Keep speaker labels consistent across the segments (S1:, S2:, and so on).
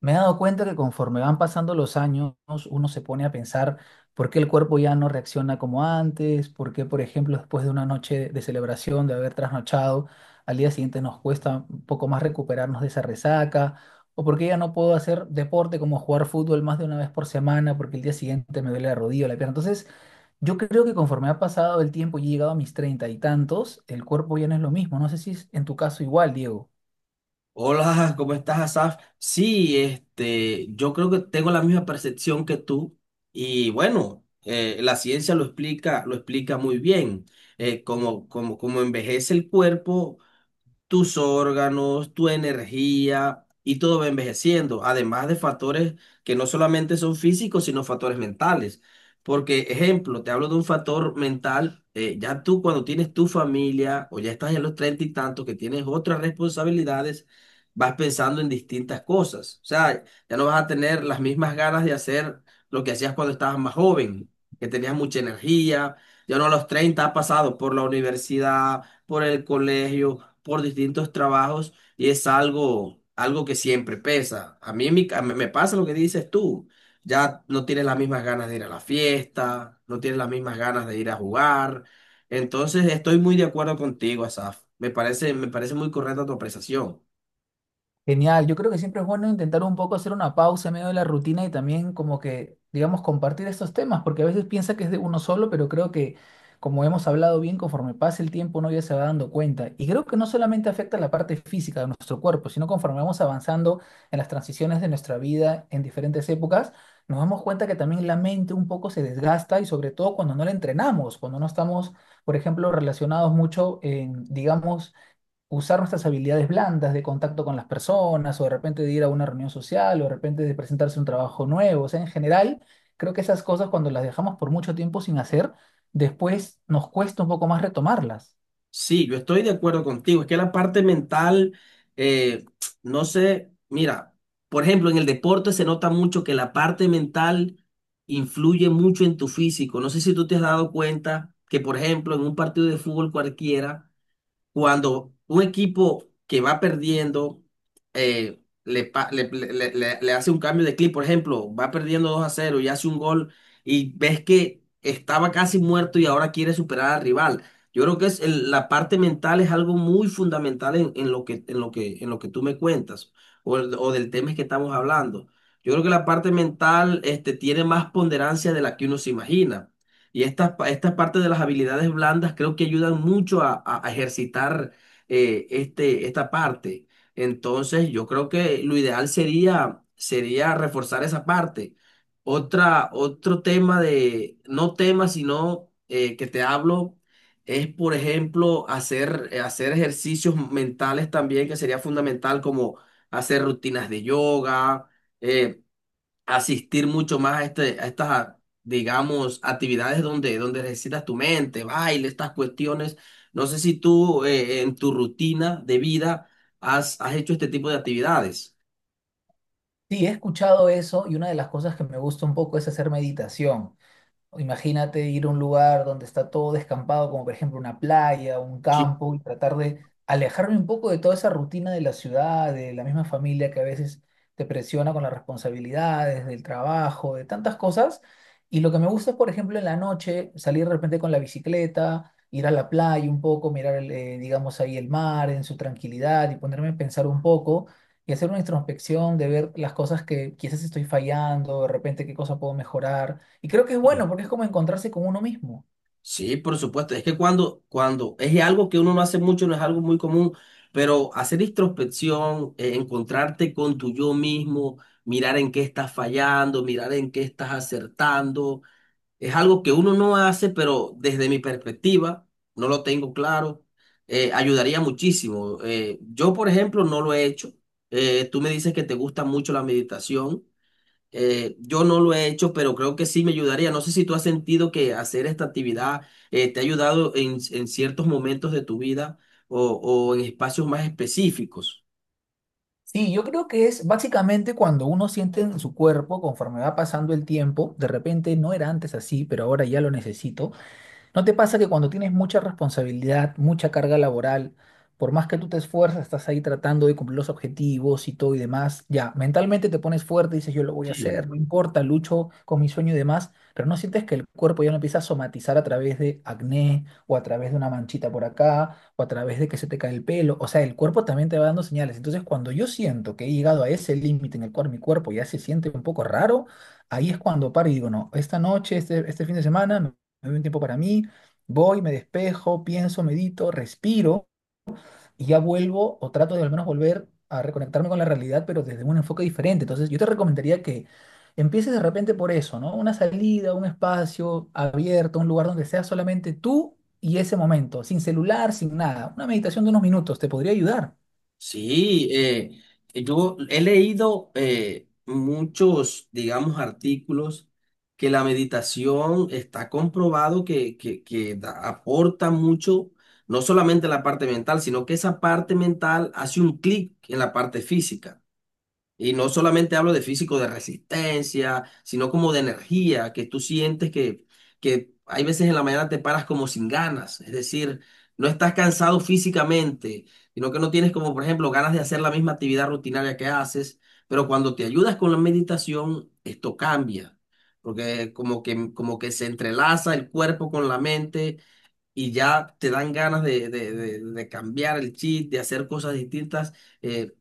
S1: Me he dado cuenta que conforme van pasando los años, uno se pone a pensar por qué el cuerpo ya no reacciona como antes, por qué, por ejemplo, después de una noche de celebración, de haber trasnochado, al día siguiente nos cuesta un poco más recuperarnos de esa resaca, o por qué ya no puedo hacer deporte como jugar fútbol más de una vez por semana, porque el día siguiente me duele la rodilla o la pierna. Entonces, yo creo que conforme ha pasado el tiempo y he llegado a mis 30 y tantos, el cuerpo ya no es lo mismo. No sé si es en tu caso igual, Diego.
S2: Hola, ¿cómo estás, Asaf? Sí, yo creo que tengo la misma percepción que tú y bueno, la ciencia lo explica muy bien. Como envejece el cuerpo, tus órganos, tu energía y todo va envejeciendo, además de factores que no solamente son físicos, sino factores mentales. Porque, ejemplo, te hablo de un factor mental, ya tú cuando tienes tu familia o ya estás en los treinta y tantos que tienes otras responsabilidades, vas pensando en distintas cosas. O sea, ya no vas a tener las mismas ganas de hacer lo que hacías cuando estabas más joven, que tenías mucha energía, ya no a los 30 has pasado por la universidad, por el colegio por distintos trabajos y es algo que siempre pesa. A mí me pasa lo que dices tú. Ya no tienes las mismas ganas de ir a la fiesta, no tienes las mismas ganas de ir a jugar. Entonces estoy muy de acuerdo contigo, Asaf. Me parece muy correcta tu apreciación.
S1: Genial, yo creo que siempre es bueno intentar un poco hacer una pausa en medio de la rutina y también como que, digamos, compartir estos temas, porque a veces piensa que es de uno solo, pero creo que como hemos hablado bien, conforme pasa el tiempo uno ya se va dando cuenta. Y creo que no solamente afecta la parte física de nuestro cuerpo, sino conforme vamos avanzando en las transiciones de nuestra vida en diferentes épocas, nos damos cuenta que también la mente un poco se desgasta y sobre todo cuando no la entrenamos, cuando no estamos, por ejemplo, relacionados mucho en, digamos, usar nuestras habilidades blandas de contacto con las personas, o de repente de ir a una reunión social, o de repente de presentarse un trabajo nuevo. O sea, en general, creo que esas cosas cuando las dejamos por mucho tiempo sin hacer, después nos cuesta un poco más retomarlas.
S2: Sí, yo estoy de acuerdo contigo. Es que la parte mental, eh, no sé, mira, por ejemplo, en el deporte se nota mucho que la parte mental influye mucho en tu físico. No sé si tú te has dado cuenta que, por ejemplo, en un partido de fútbol cualquiera, cuando un equipo que va perdiendo le, pa- le- le- le- le- le hace un cambio de clip, por ejemplo, va perdiendo 2 a cero y hace un gol y ves que estaba casi muerto y ahora quiere superar al rival. Yo creo que la parte mental es algo muy fundamental en lo que, en lo que, en lo que tú me cuentas o del tema que estamos hablando. Yo creo que la parte mental tiene más ponderancia de la que uno se imagina. Y esta parte de las habilidades blandas creo que ayudan mucho a ejercitar esta parte. Entonces, yo creo que lo ideal sería reforzar esa parte. Otro tema de, no tema, sino que te hablo, es, por ejemplo, hacer ejercicios mentales también, que sería fundamental, como hacer rutinas de yoga, eh, asistir mucho más a, este, a estas, a- digamos, actividades donde, donde necesitas tu mente, baile, estas cuestiones. No sé si tú en tu rutina de vida has hecho este tipo de actividades.
S1: Sí, he escuchado eso y una de las cosas que me gusta un poco es hacer meditación. Imagínate ir a un lugar donde está todo descampado, como por ejemplo una playa, un
S2: Sí.
S1: campo, y tratar de alejarme un poco de toda esa rutina de la ciudad, de la misma familia que a veces te presiona con las responsabilidades, del trabajo, de tantas cosas. Y lo que me gusta es, por ejemplo, en la noche salir de repente con la bicicleta, ir a la playa un poco, mirar, digamos, ahí el mar en su tranquilidad y ponerme a pensar un poco y hacer una introspección de ver las cosas que quizás estoy fallando, de repente qué cosa puedo mejorar y creo que es bueno porque es como encontrarse con uno mismo.
S2: Sí, por supuesto. Es que cuando es algo que uno no hace mucho, no es algo muy común, pero hacer introspección, encontrarte con tu yo mismo, mirar en qué estás fallando, mirar en qué estás acertando. Es algo que uno no hace, pero desde mi perspectiva, no lo tengo claro, ayudaría muchísimo. Yo, por ejemplo, no lo he hecho. Tú me dices que te gusta mucho la meditación. Yo no lo he hecho, pero creo que sí me ayudaría. No sé si tú has sentido que hacer esta actividad te ha ayudado en ciertos momentos de tu vida o en espacios más específicos.
S1: Sí, yo creo que es básicamente cuando uno siente en su cuerpo, conforme va pasando el tiempo, de repente no era antes así, pero ahora ya lo necesito. ¿No te pasa que cuando tienes mucha responsabilidad, mucha carga laboral, por más que tú te esfuerzas, estás ahí tratando de cumplir los objetivos y todo y demás, ya, mentalmente te pones fuerte, dices yo lo voy a
S2: Sí.
S1: hacer, no importa, lucho con mi sueño y demás, pero no sientes que el cuerpo ya no empieza a somatizar a través de acné o a través de una manchita por acá o a través de que se te cae el pelo, o sea, el cuerpo también te va dando señales. Entonces, cuando yo siento que he llegado a ese límite en el cual mi cuerpo ya se siente un poco raro, ahí es cuando paro y digo, no, esta noche, este fin de semana, me doy un tiempo para mí. Voy, me despejo, pienso, medito, respiro y ya vuelvo o trato de al menos volver a reconectarme con la realidad, pero desde un enfoque diferente. Entonces, yo te recomendaría que empieces de repente por eso, ¿no? Una salida, un espacio abierto, un lugar donde seas solamente tú y ese momento, sin celular, sin nada. Una meditación de unos minutos te podría ayudar.
S2: Sí, yo he leído muchos, digamos, artículos que la meditación está comprobado que aporta mucho, no solamente la parte mental, sino que esa parte mental hace un clic en la parte física. Y no solamente hablo de físico, de resistencia, sino como de energía, que tú sientes que hay veces en la mañana te paras como sin ganas, es decir, no estás cansado físicamente, sino que no tienes como, por ejemplo, ganas de hacer la misma actividad rutinaria que haces, pero cuando te ayudas con la meditación, esto cambia, porque como que se entrelaza el cuerpo con la mente y ya te dan ganas de cambiar el chip, de hacer cosas distintas. eh,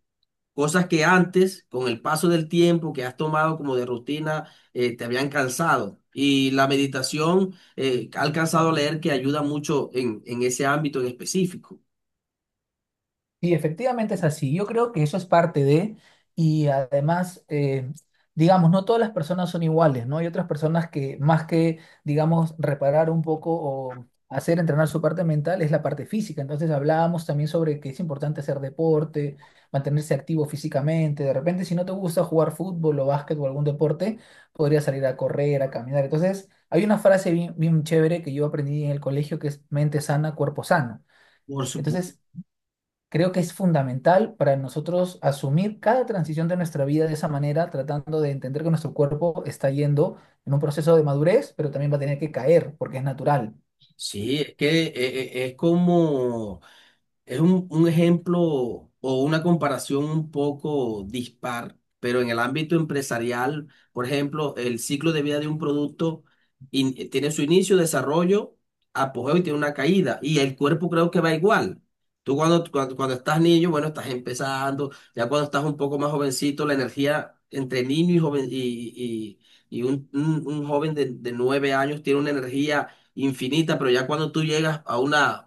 S2: Cosas que antes, con el paso del tiempo que has tomado como de rutina, te habían cansado. Y la meditación, ha alcanzado a leer que ayuda mucho en ese ámbito en específico.
S1: Y efectivamente es así. Yo creo que eso es parte de, y además, digamos, no todas las personas son iguales, ¿no? Hay otras personas que más que, digamos, reparar un poco o hacer entrenar su parte mental es la parte física. Entonces hablábamos también sobre que es importante hacer deporte, mantenerse activo físicamente. De repente, si no te gusta jugar fútbol o básquet o algún deporte, podrías salir a correr, a caminar. Entonces, hay una frase bien, bien chévere que yo aprendí en el colegio que es mente sana, cuerpo sano.
S2: Por supuesto.
S1: Entonces, creo que es fundamental para nosotros asumir cada transición de nuestra vida de esa manera, tratando de entender que nuestro cuerpo está yendo en un proceso de madurez, pero también va a tener que caer porque es natural.
S2: Sí, es que es como... Es un ejemplo o una comparación un poco dispar, pero en el ámbito empresarial, por ejemplo, el ciclo de vida de un producto tiene su inicio, desarrollo, apogeo y tiene una caída. Y el cuerpo creo que va igual. Tú cuando estás niño, bueno, estás empezando, ya cuando estás un poco más jovencito, la energía entre niño y joven y un joven de nueve años tiene una energía infinita, pero ya cuando tú llegas a una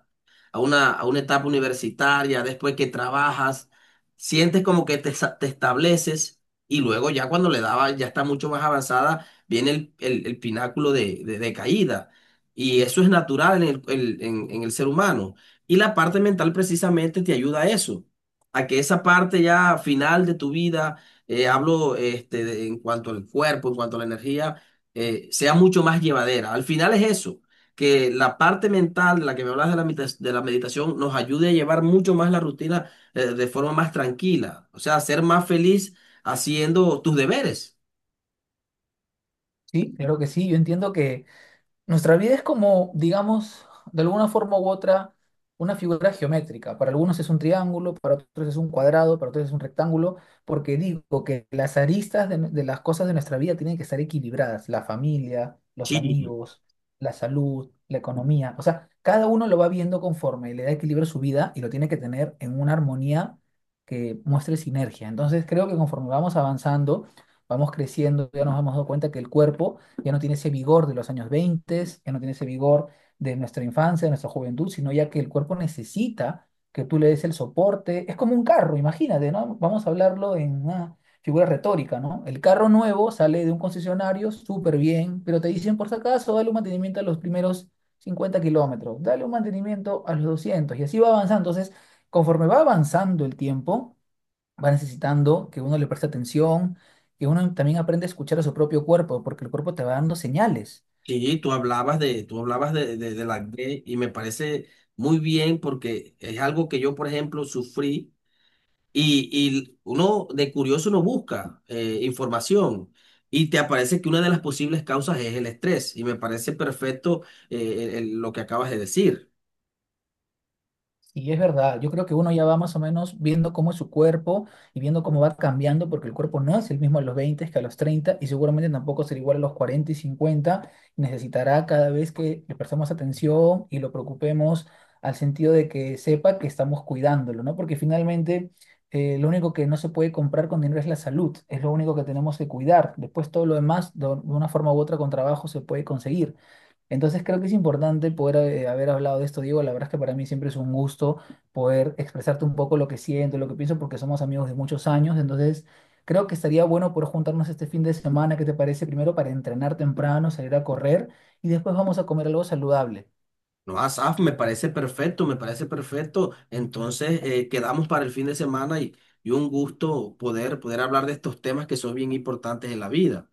S2: a una etapa universitaria, después que trabajas, sientes como que te estableces y luego ya cuando le daba, ya está mucho más avanzada, viene el pináculo de caída. Y eso es natural en en el ser humano. Y la parte mental precisamente te ayuda a eso, a que esa parte ya final de tu vida, en cuanto al cuerpo, en cuanto a la energía, sea mucho más llevadera. Al final es eso, que la parte mental de la que me hablas de de la meditación nos ayude a llevar mucho más la rutina de forma más tranquila, o sea, ser más feliz haciendo tus deberes.
S1: Sí, claro que sí. Yo entiendo que nuestra vida es como, digamos, de alguna forma u otra, una figura geométrica. Para algunos es un triángulo, para otros es un cuadrado, para otros es un rectángulo, porque digo que las aristas de las cosas de nuestra vida tienen que estar equilibradas. La familia, los
S2: Sí,
S1: amigos, la salud, la economía. O sea, cada uno lo va viendo conforme le da equilibrio a su vida y lo tiene que tener en una armonía que muestre sinergia. Entonces, creo que conforme vamos avanzando, vamos creciendo, ya nos hemos dado cuenta que el cuerpo ya no tiene ese vigor de los años 20, ya no tiene ese vigor de nuestra infancia, de nuestra juventud, sino ya que el cuerpo necesita que tú le des el soporte. Es como un carro, imagínate, ¿no? Vamos a hablarlo en una figura retórica, ¿no? El carro nuevo sale de un concesionario súper bien, pero te dicen, por si acaso, dale un mantenimiento a los primeros 50 kilómetros, dale un mantenimiento a los 200, y así va avanzando. Entonces, conforme va avanzando el tiempo, va necesitando que uno le preste atención, que uno también aprenda a escuchar a su propio cuerpo, porque el cuerpo te va dando señales.
S2: sí, tú hablabas de la D y me parece muy bien porque es algo que yo, por ejemplo, sufrí y uno de curioso no busca información. Y te aparece que una de las posibles causas es el estrés, y me parece perfecto lo que acabas de decir.
S1: Sí es verdad, yo creo que uno ya va más o menos viendo cómo es su cuerpo y viendo cómo va cambiando, porque el cuerpo no es el mismo a los 20 que a los 30 y seguramente tampoco será igual a los 40 y 50. Necesitará cada vez que le prestemos atención y lo preocupemos al sentido de que sepa que estamos cuidándolo, ¿no? Porque finalmente lo único que no se puede comprar con dinero es la salud, es lo único que tenemos que cuidar. Después todo lo demás, de una forma u otra, con trabajo se puede conseguir. Entonces creo que es importante poder haber hablado de esto, Diego. La verdad es que para mí siempre es un gusto poder expresarte un poco lo que siento, lo que pienso, porque somos amigos de muchos años. Entonces creo que estaría bueno poder juntarnos este fin de semana, ¿qué te parece? Primero para entrenar temprano, salir a correr y después vamos a comer algo saludable.
S2: No, Asaf, me parece perfecto, me parece perfecto. Entonces, quedamos para el fin de semana y un gusto poder hablar de estos temas que son bien importantes en la vida.